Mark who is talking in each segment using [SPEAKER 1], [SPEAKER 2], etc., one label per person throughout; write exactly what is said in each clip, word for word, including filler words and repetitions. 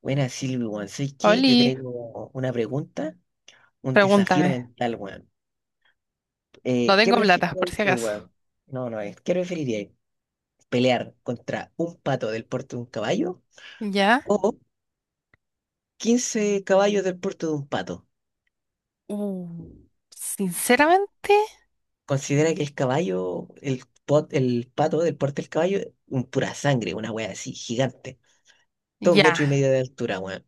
[SPEAKER 1] Buena, Silvi, weón. ¿Sabes qué? Te
[SPEAKER 2] Oli,
[SPEAKER 1] traigo una pregunta, un desafío
[SPEAKER 2] pregúntame.
[SPEAKER 1] mental, weón.
[SPEAKER 2] No
[SPEAKER 1] Eh, ¿qué
[SPEAKER 2] tengo plata,
[SPEAKER 1] preferirías
[SPEAKER 2] por si
[SPEAKER 1] tú,
[SPEAKER 2] acaso.
[SPEAKER 1] weón? No, no es. ¿Qué preferirías? ¿Pelear contra un pato del porte de un caballo
[SPEAKER 2] ¿Ya?
[SPEAKER 1] o quince caballos del porte de un pato?
[SPEAKER 2] Sinceramente,
[SPEAKER 1] Considera que el caballo, el, pot, el pato del porte del caballo, un pura sangre, una wea así, gigante. Dos
[SPEAKER 2] ya.
[SPEAKER 1] metros y medio de altura, weón.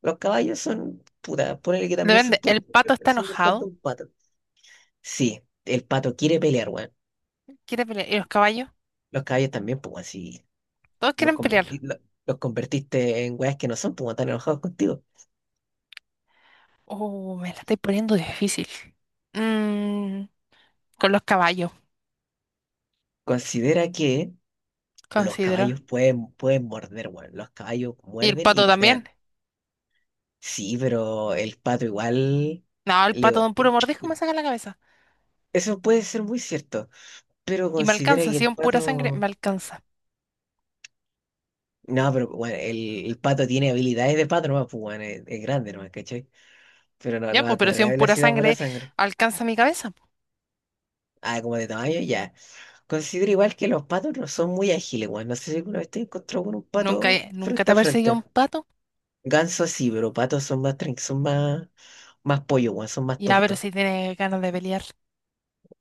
[SPEAKER 1] Los caballos son, puta, ponele que también son
[SPEAKER 2] Depende.
[SPEAKER 1] puras
[SPEAKER 2] El
[SPEAKER 1] sangre,
[SPEAKER 2] pato
[SPEAKER 1] pero
[SPEAKER 2] está
[SPEAKER 1] son del porte de
[SPEAKER 2] enojado.
[SPEAKER 1] un pato. Sí, el pato quiere pelear, weón.
[SPEAKER 2] Quiere pelear. ¿Y los caballos?
[SPEAKER 1] Los caballos también, pues, weón, si
[SPEAKER 2] Todos
[SPEAKER 1] los,
[SPEAKER 2] quieren pelear.
[SPEAKER 1] converti- lo- los convertiste en weas que no son, pues, weón, están enojados contigo.
[SPEAKER 2] Oh, me la estoy poniendo difícil. Mm, con los caballos,
[SPEAKER 1] Considera que los
[SPEAKER 2] considero.
[SPEAKER 1] caballos pueden, pueden morder, weón. Los caballos
[SPEAKER 2] ¿Y el
[SPEAKER 1] muerden y
[SPEAKER 2] pato también?
[SPEAKER 1] patean. Sí, pero el pato igual
[SPEAKER 2] No, el
[SPEAKER 1] le...
[SPEAKER 2] pato de un puro mordisco me saca la cabeza.
[SPEAKER 1] Eso puede ser muy cierto, pero
[SPEAKER 2] Y me
[SPEAKER 1] considera
[SPEAKER 2] alcanza.
[SPEAKER 1] que
[SPEAKER 2] Si
[SPEAKER 1] el
[SPEAKER 2] es en pura sangre, me
[SPEAKER 1] pato...
[SPEAKER 2] alcanza.
[SPEAKER 1] No, pero bueno, el, el pato tiene habilidades de pato, nomás, pues, weón, es, es grande, nomás, ¿cachai? Pero no,
[SPEAKER 2] Ya,
[SPEAKER 1] no va
[SPEAKER 2] pues,
[SPEAKER 1] a
[SPEAKER 2] pero si
[SPEAKER 1] correr
[SPEAKER 2] es
[SPEAKER 1] a
[SPEAKER 2] en pura
[SPEAKER 1] velocidad pura
[SPEAKER 2] sangre,
[SPEAKER 1] sangre.
[SPEAKER 2] alcanza mi cabeza. pues.
[SPEAKER 1] Ah, como de tamaño, ya. Considero igual que los patos no son muy ágiles, weón. No sé si alguna vez te encontró con un
[SPEAKER 2] Nunca,
[SPEAKER 1] pato
[SPEAKER 2] he- nunca te
[SPEAKER 1] frente
[SPEAKER 2] ha
[SPEAKER 1] a
[SPEAKER 2] perseguido
[SPEAKER 1] frente.
[SPEAKER 2] un pato.
[SPEAKER 1] Gansos sí, pero patos son más tran- son más, más pollo, weón, son más
[SPEAKER 2] Ya, pero
[SPEAKER 1] tontos.
[SPEAKER 2] si tiene ganas de pelear.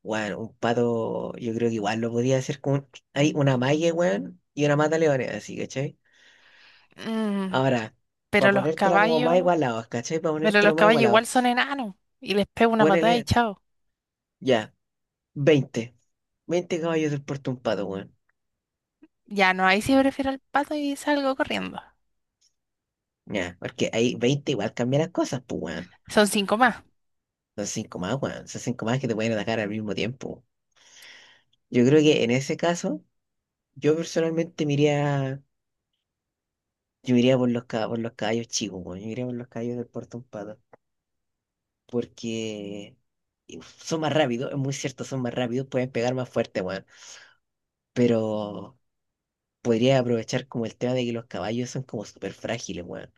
[SPEAKER 1] Weón, un pato, yo creo que igual lo podía hacer con un- Hay una malla, weón, y una mata leones, así, ¿cachai?
[SPEAKER 2] Mm,
[SPEAKER 1] Ahora, para
[SPEAKER 2] Pero los
[SPEAKER 1] ponértela como más
[SPEAKER 2] caballos,
[SPEAKER 1] igualado, ¿cachai? Para
[SPEAKER 2] pero los
[SPEAKER 1] ponértelo más
[SPEAKER 2] caballos
[SPEAKER 1] igualado.
[SPEAKER 2] igual son enanos. Y les pego una patada y
[SPEAKER 1] Ponele,
[SPEAKER 2] chao.
[SPEAKER 1] ya, veinte veinte caballos del puerto un pato, weón.
[SPEAKER 2] Ya no, ahí sí prefiero al pato y salgo corriendo.
[SPEAKER 1] Ya, porque ahí veinte igual cambia las cosas, pues, weón.
[SPEAKER 2] Son cinco más.
[SPEAKER 1] Son cinco más, weón. Son cinco más que te pueden atacar al mismo tiempo. Yo creo que en ese caso, yo personalmente me iría, yo me iría por los, ca- por los caballos chicos, weón. Yo me iría por los caballos del Puerto Pato. Porque son más rápidos, es muy cierto, son más rápidos, pueden pegar más fuerte, weón. Pero podría aprovechar como el tema de que los caballos son como súper frágiles, weón.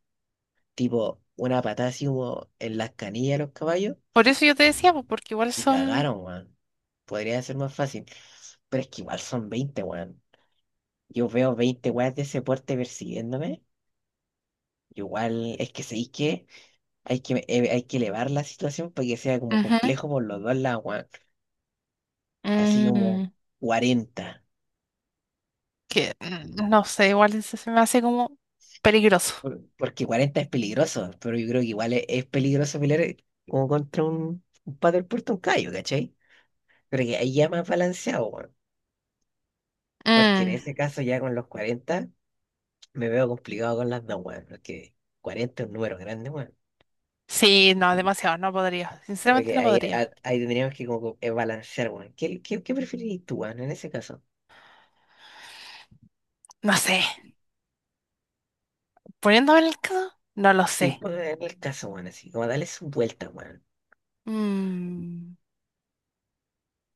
[SPEAKER 1] Tipo, una patada así como en las canillas de los caballos
[SPEAKER 2] Por eso yo te decía, pues, porque igual
[SPEAKER 1] y
[SPEAKER 2] son.
[SPEAKER 1] cagaron, weón. Podría ser más fácil. Pero es que igual son veinte, weón. Yo veo veinte weas de ese porte persiguiéndome. Igual es que sé que hay que, eh, hay que elevar la situación para que sea como
[SPEAKER 2] Ujú.
[SPEAKER 1] complejo por los dos lados, weón. Así como
[SPEAKER 2] Mm,
[SPEAKER 1] cuarenta
[SPEAKER 2] que mm, no sé, igual se, se me hace como peligroso.
[SPEAKER 1] Por- Porque cuarenta es peligroso, pero yo creo que igual es, es, peligroso pelear eh, como contra un, un paddle puerto, un callo, ¿cachai? Pero que ahí ya más balanceado, weón. Porque en
[SPEAKER 2] Mm,
[SPEAKER 1] ese caso ya con los cuarenta me veo complicado con las dos, weón. Porque cuarenta es un número grande.
[SPEAKER 2] sí, no, demasiado, no podría.
[SPEAKER 1] Creo
[SPEAKER 2] Sinceramente
[SPEAKER 1] que
[SPEAKER 2] no
[SPEAKER 1] ahí,
[SPEAKER 2] podría.
[SPEAKER 1] a- ahí tendríamos que como que, eh, balancear, weón. ¿Qué, qué, qué preferirías tú, weón, en ese caso?
[SPEAKER 2] No sé. Poniéndome en el caso, no lo
[SPEAKER 1] Sí,
[SPEAKER 2] sé.
[SPEAKER 1] pues en el caso, weón, así, como darle su vuelta, weón.
[SPEAKER 2] Mm,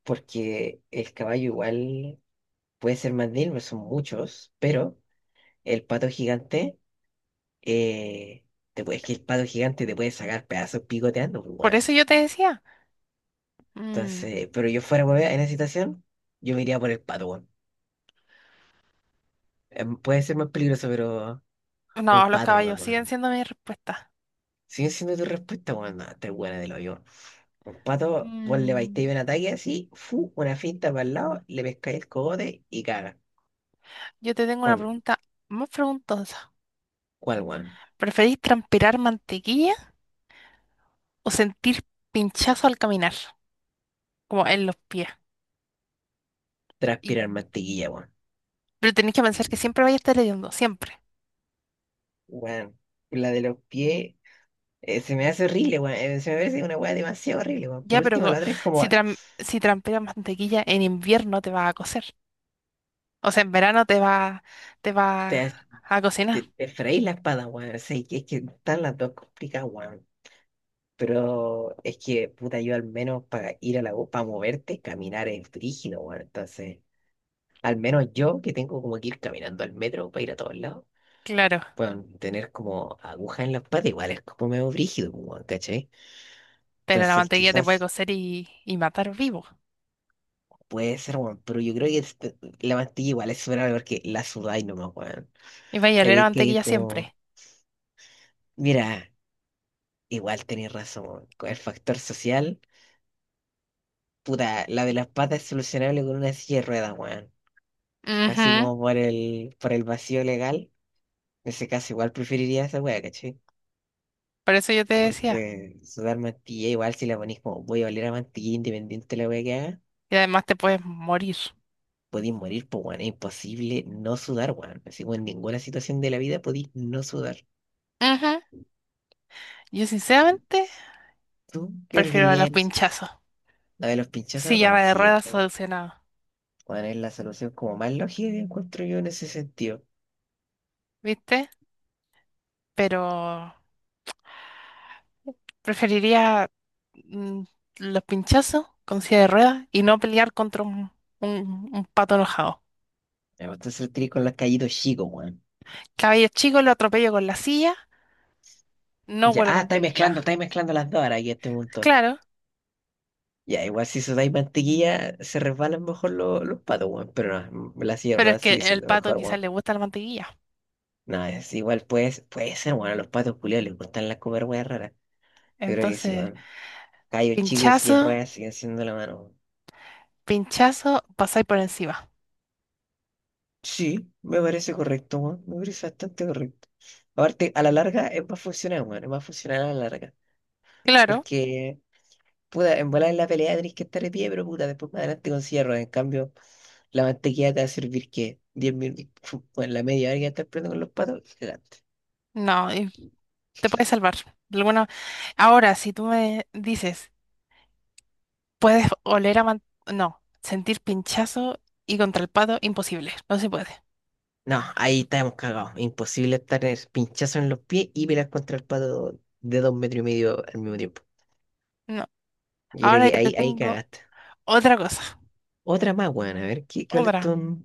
[SPEAKER 1] Porque el caballo igual puede ser más de él, son muchos, pero el pato gigante, eh, te puede- es que el pato gigante te puede sacar pedazos picoteando, pues,
[SPEAKER 2] por
[SPEAKER 1] weón.
[SPEAKER 2] eso yo te decía. Mm,
[SPEAKER 1] Entonces, pero yo fuera, weón, en esa situación, yo me iría por el pato, weón. Em, Puede ser más peligroso, pero es un
[SPEAKER 2] no, los
[SPEAKER 1] pato nomás,
[SPEAKER 2] caballos siguen
[SPEAKER 1] weón.
[SPEAKER 2] siendo mi respuesta.
[SPEAKER 1] Sigue siendo tu respuesta, weón, no, te buena del hoyo. Un pato, vos le vais
[SPEAKER 2] Mm,
[SPEAKER 1] un ataque así, fu, una finta para el lado, le pescáis el cogote y caga.
[SPEAKER 2] Yo te tengo una
[SPEAKER 1] Bueno,
[SPEAKER 2] pregunta más preguntosa.
[SPEAKER 1] ¿cuál, weón?
[SPEAKER 2] ¿Preferís transpirar mantequilla o sentir pinchazo al caminar, como en los pies? Y,
[SPEAKER 1] Transpirar mantequilla, weón.
[SPEAKER 2] pero tenéis que pensar que siempre vais a estar hediondo, siempre.
[SPEAKER 1] Weón, la de los pies, eh, se me hace horrible, weón. Eh, se me parece una weá demasiado horrible, weón.
[SPEAKER 2] Ya,
[SPEAKER 1] Por
[SPEAKER 2] pero
[SPEAKER 1] último,
[SPEAKER 2] co-
[SPEAKER 1] la otra es como,
[SPEAKER 2] si, tran- si transpiras mantequilla en invierno te va a cocer. O sea, en verano te va, te va
[SPEAKER 1] te,
[SPEAKER 2] a cocinar,
[SPEAKER 1] te, te freís la espada, weón. O sea, es que es que están las dos complicadas, weón. Pero es que, puta, yo al menos para ir a la U, para moverte, caminar es brígido, weón. Entonces, al menos yo que tengo como que ir caminando al metro para ir a todos lados.
[SPEAKER 2] claro.
[SPEAKER 1] Bueno, tener como agujas en la espalda igual es como medio brígido, pues, weón, ¿cachai?
[SPEAKER 2] Pero la
[SPEAKER 1] Entonces
[SPEAKER 2] mantequilla te puede
[SPEAKER 1] quizás
[SPEAKER 2] cocer y, y matar vivo.
[SPEAKER 1] puede ser, weón, pero yo creo que este- la mantilla igual es superable porque la sudáis nomás, weón.
[SPEAKER 2] Y vais a oler a
[SPEAKER 1] Hay que ir
[SPEAKER 2] mantequilla siempre.
[SPEAKER 1] como, mira, igual tenéis razón, weón. Con el factor social, puta, la de las patas es solucionable con una silla de ruedas, weón. Así
[SPEAKER 2] Ujú.
[SPEAKER 1] como por el, por el vacío legal, en ese caso igual preferiría esa weá, ¿cachai?
[SPEAKER 2] Por eso yo te decía.
[SPEAKER 1] Porque sudar mantilla igual si la ponís como voy a oler a mantilla independiente de la weá que haga.
[SPEAKER 2] Y además te puedes morir.
[SPEAKER 1] Podéis morir, pues, weón. Es imposible no sudar, weón. Así, weón, en ninguna situación de la vida podéis no sudar.
[SPEAKER 2] Ujú. Yo sinceramente
[SPEAKER 1] ¿Tú qué
[SPEAKER 2] prefiero a
[SPEAKER 1] preferirías
[SPEAKER 2] los
[SPEAKER 1] en ese caso?
[SPEAKER 2] pinchazos.
[SPEAKER 1] La de los pinchazos,
[SPEAKER 2] Silla
[SPEAKER 1] weón,
[SPEAKER 2] de
[SPEAKER 1] sí, es
[SPEAKER 2] ruedas solucionado,
[SPEAKER 1] weón, es la solución como más lógica que encuentro yo en ese sentido.
[SPEAKER 2] ¿viste? Pero preferiría mm, los pinchazos con silla de ruedas y no pelear contra un, un- un pato enojado.
[SPEAKER 1] Me gusta hacer clic con los callitos chicos, weón.
[SPEAKER 2] Cabello chico lo atropello con la silla, no
[SPEAKER 1] Ya,
[SPEAKER 2] huelo
[SPEAKER 1] ah, estáis mezclando,
[SPEAKER 2] mantequilla.
[SPEAKER 1] estáis mezclando las dos ahora aquí a este punto.
[SPEAKER 2] Claro,
[SPEAKER 1] Ya, igual si sudáis mantequilla, se resbalan mejor los, los patos, weón. Pero no, la
[SPEAKER 2] pero es
[SPEAKER 1] sierra
[SPEAKER 2] que
[SPEAKER 1] sigue
[SPEAKER 2] el
[SPEAKER 1] siendo
[SPEAKER 2] pato
[SPEAKER 1] mejor,
[SPEAKER 2] quizás
[SPEAKER 1] weón.
[SPEAKER 2] le gusta la mantequilla.
[SPEAKER 1] No, es igual, pues, puede ser, weón. A los patos culiados les gustan las comer weas raras. Yo creo que sí,
[SPEAKER 2] Entonces,
[SPEAKER 1] weón. Cayo chico y silla
[SPEAKER 2] pinchazo,
[SPEAKER 1] de ruedas sigue siendo la mano.
[SPEAKER 2] pinchazo, pasáis por encima.
[SPEAKER 1] Sí, me parece correcto, weón. Me parece bastante correcto. Aparte, a la larga es más funcional, weón. Es más funcional a la larga.
[SPEAKER 2] Claro,
[SPEAKER 1] Porque, puta, en volar en la pelea tenés que estar de pie, pero puta, después más adelante con silla de ruedas. En cambio, la mantequilla te va a servir que diez minutos, en la media hora que estás peleando con los patos, adelante.
[SPEAKER 2] no, y te puedes salvar. De alguna- Ahora, si tú me dices, Puedes oler a man- no, sentir pinchazo y contra el pato, imposible. No se puede.
[SPEAKER 1] No, ahí estamos cagados. Imposible estar en pinchazo en los pies y pelear contra el pato de dos metros y medio al mismo tiempo.
[SPEAKER 2] No.
[SPEAKER 1] Yo creo
[SPEAKER 2] Ahora
[SPEAKER 1] que
[SPEAKER 2] yo te
[SPEAKER 1] ahí, ahí
[SPEAKER 2] tengo
[SPEAKER 1] cagaste.
[SPEAKER 2] otra cosa.
[SPEAKER 1] Otra más, weón. A ver, ¿qué, cuál es
[SPEAKER 2] Otra.
[SPEAKER 1] tu...?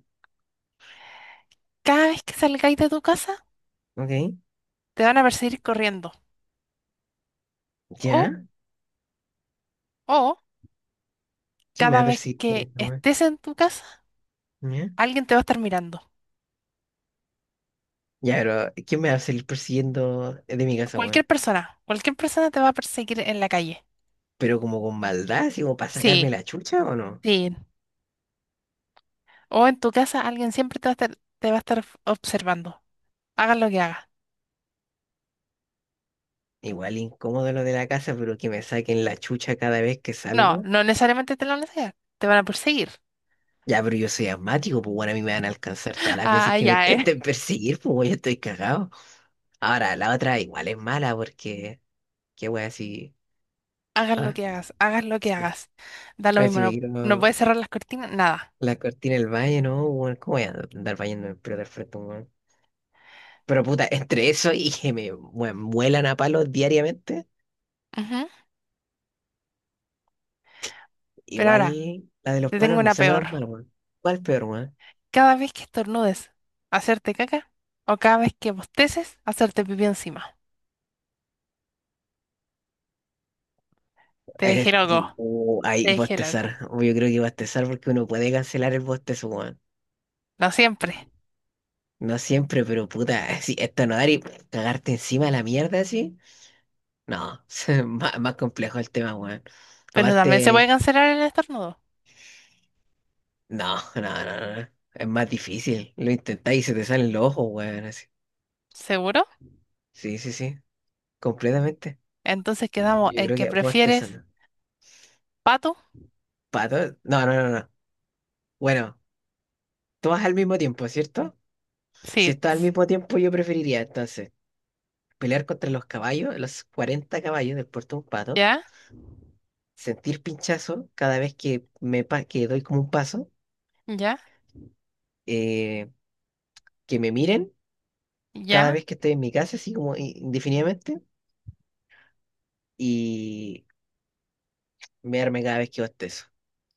[SPEAKER 2] Cada vez que salgáis de tu casa,
[SPEAKER 1] Ok.
[SPEAKER 2] te van a perseguir corriendo. O,
[SPEAKER 1] ¿Ya?
[SPEAKER 2] o,
[SPEAKER 1] ¿Quién me va
[SPEAKER 2] cada
[SPEAKER 1] a
[SPEAKER 2] vez
[SPEAKER 1] perseguir
[SPEAKER 2] que
[SPEAKER 1] corriendo, weón?
[SPEAKER 2] estés en tu casa,
[SPEAKER 1] ¿Ya?
[SPEAKER 2] alguien te va a estar mirando.
[SPEAKER 1] Ya, pero ¿quién me va a salir persiguiendo de mi casa, weón?
[SPEAKER 2] Cualquier persona. Cualquier persona te va a perseguir en la calle.
[SPEAKER 1] Pero como con maldad, así como para
[SPEAKER 2] Sí,
[SPEAKER 1] sacarme la chucha o no.
[SPEAKER 2] sí. O en tu casa, alguien siempre te va a estar, te va a estar observando. Hagas lo que hagas.
[SPEAKER 1] Igual incómodo lo de la casa, pero que me saquen la chucha cada vez que
[SPEAKER 2] No,
[SPEAKER 1] salgo.
[SPEAKER 2] no necesariamente te lo van a hacer. Te van a perseguir.
[SPEAKER 1] Ya, pero yo soy asmático, pues bueno, a mí me van a alcanzar todas las veces
[SPEAKER 2] Ah,
[SPEAKER 1] que me
[SPEAKER 2] ya, eh.
[SPEAKER 1] intenten perseguir, pues weón, yo estoy cagado. Ahora, la otra igual es mala porque, qué weón, así.
[SPEAKER 2] Hagas lo
[SPEAKER 1] Ah,
[SPEAKER 2] que hagas, hagas lo que
[SPEAKER 1] sí.
[SPEAKER 2] hagas. Da lo mismo,
[SPEAKER 1] Así me
[SPEAKER 2] no, no
[SPEAKER 1] quiero.
[SPEAKER 2] puedes cerrar las cortinas, nada.
[SPEAKER 1] La cortina del valle, ¿no? Weón, ¿cómo voy a andar bañando en pelota al frente, weón? Pero puta, entre eso y que me mue- muelan a palos diariamente,
[SPEAKER 2] Ujú. Pero ahora,
[SPEAKER 1] igual la de los
[SPEAKER 2] te tengo
[SPEAKER 1] palos no
[SPEAKER 2] una
[SPEAKER 1] suena
[SPEAKER 2] peor.
[SPEAKER 1] tan mal, weón. ¿Cuál peor, weón?
[SPEAKER 2] Cada vez que estornudes, hacerte caca. O cada vez que bosteces, hacerte pipí encima. Te dije
[SPEAKER 1] Es,
[SPEAKER 2] loco,
[SPEAKER 1] uh, Ahí
[SPEAKER 2] te dije loca.
[SPEAKER 1] bostezar. Yo creo que bostezar porque uno puede cancelar el bostezo, weón.
[SPEAKER 2] No siempre.
[SPEAKER 1] No siempre, pero puta, si esto no dar y cagarte encima de la mierda así. No, más, más complejo el tema, weón.
[SPEAKER 2] Pero también se puede
[SPEAKER 1] Aparte.
[SPEAKER 2] cancelar el estornudo.
[SPEAKER 1] No, no, no, no. No. Es más difícil. Lo intentáis y se te salen los ojos, weón. Así.
[SPEAKER 2] ¿Seguro?
[SPEAKER 1] Sí, sí, sí. Completamente.
[SPEAKER 2] Entonces quedamos
[SPEAKER 1] Yo
[SPEAKER 2] en
[SPEAKER 1] creo
[SPEAKER 2] que
[SPEAKER 1] que vos te
[SPEAKER 2] prefieres
[SPEAKER 1] sana.
[SPEAKER 2] pato.
[SPEAKER 1] ¿Pato? No, no, no, no. Bueno, todas al mismo tiempo, ¿cierto? Si
[SPEAKER 2] Sí.
[SPEAKER 1] estás al
[SPEAKER 2] ts-
[SPEAKER 1] mismo tiempo, yo preferiría entonces pelear contra los caballos, los cuarenta caballos del puerto de un pato,
[SPEAKER 2] Ya,
[SPEAKER 1] sentir pinchazo cada vez que me pa- que doy como un paso,
[SPEAKER 2] ya,
[SPEAKER 1] eh, que me miren cada
[SPEAKER 2] ya.
[SPEAKER 1] vez que estoy en mi casa, así como i- indefinidamente, mearme cada vez que bostezo.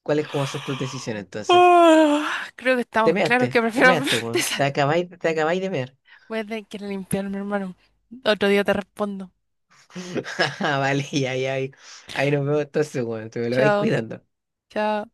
[SPEAKER 1] ¿Cuáles como son tus decisiones entonces?
[SPEAKER 2] Oh, creo que
[SPEAKER 1] Te
[SPEAKER 2] estamos claros
[SPEAKER 1] measte,
[SPEAKER 2] que
[SPEAKER 1] te
[SPEAKER 2] prefiero
[SPEAKER 1] measte, weón. Te
[SPEAKER 2] desayunar.
[SPEAKER 1] acabáis, te acabáis de mear.
[SPEAKER 2] Voy a tener que ir a limpiarme, hermano. Otro día te respondo.
[SPEAKER 1] Vale, ya, ya, ahí, ahí nos vemos entonces, weón. Te me lo vais
[SPEAKER 2] Chao,
[SPEAKER 1] cuidando.
[SPEAKER 2] chao.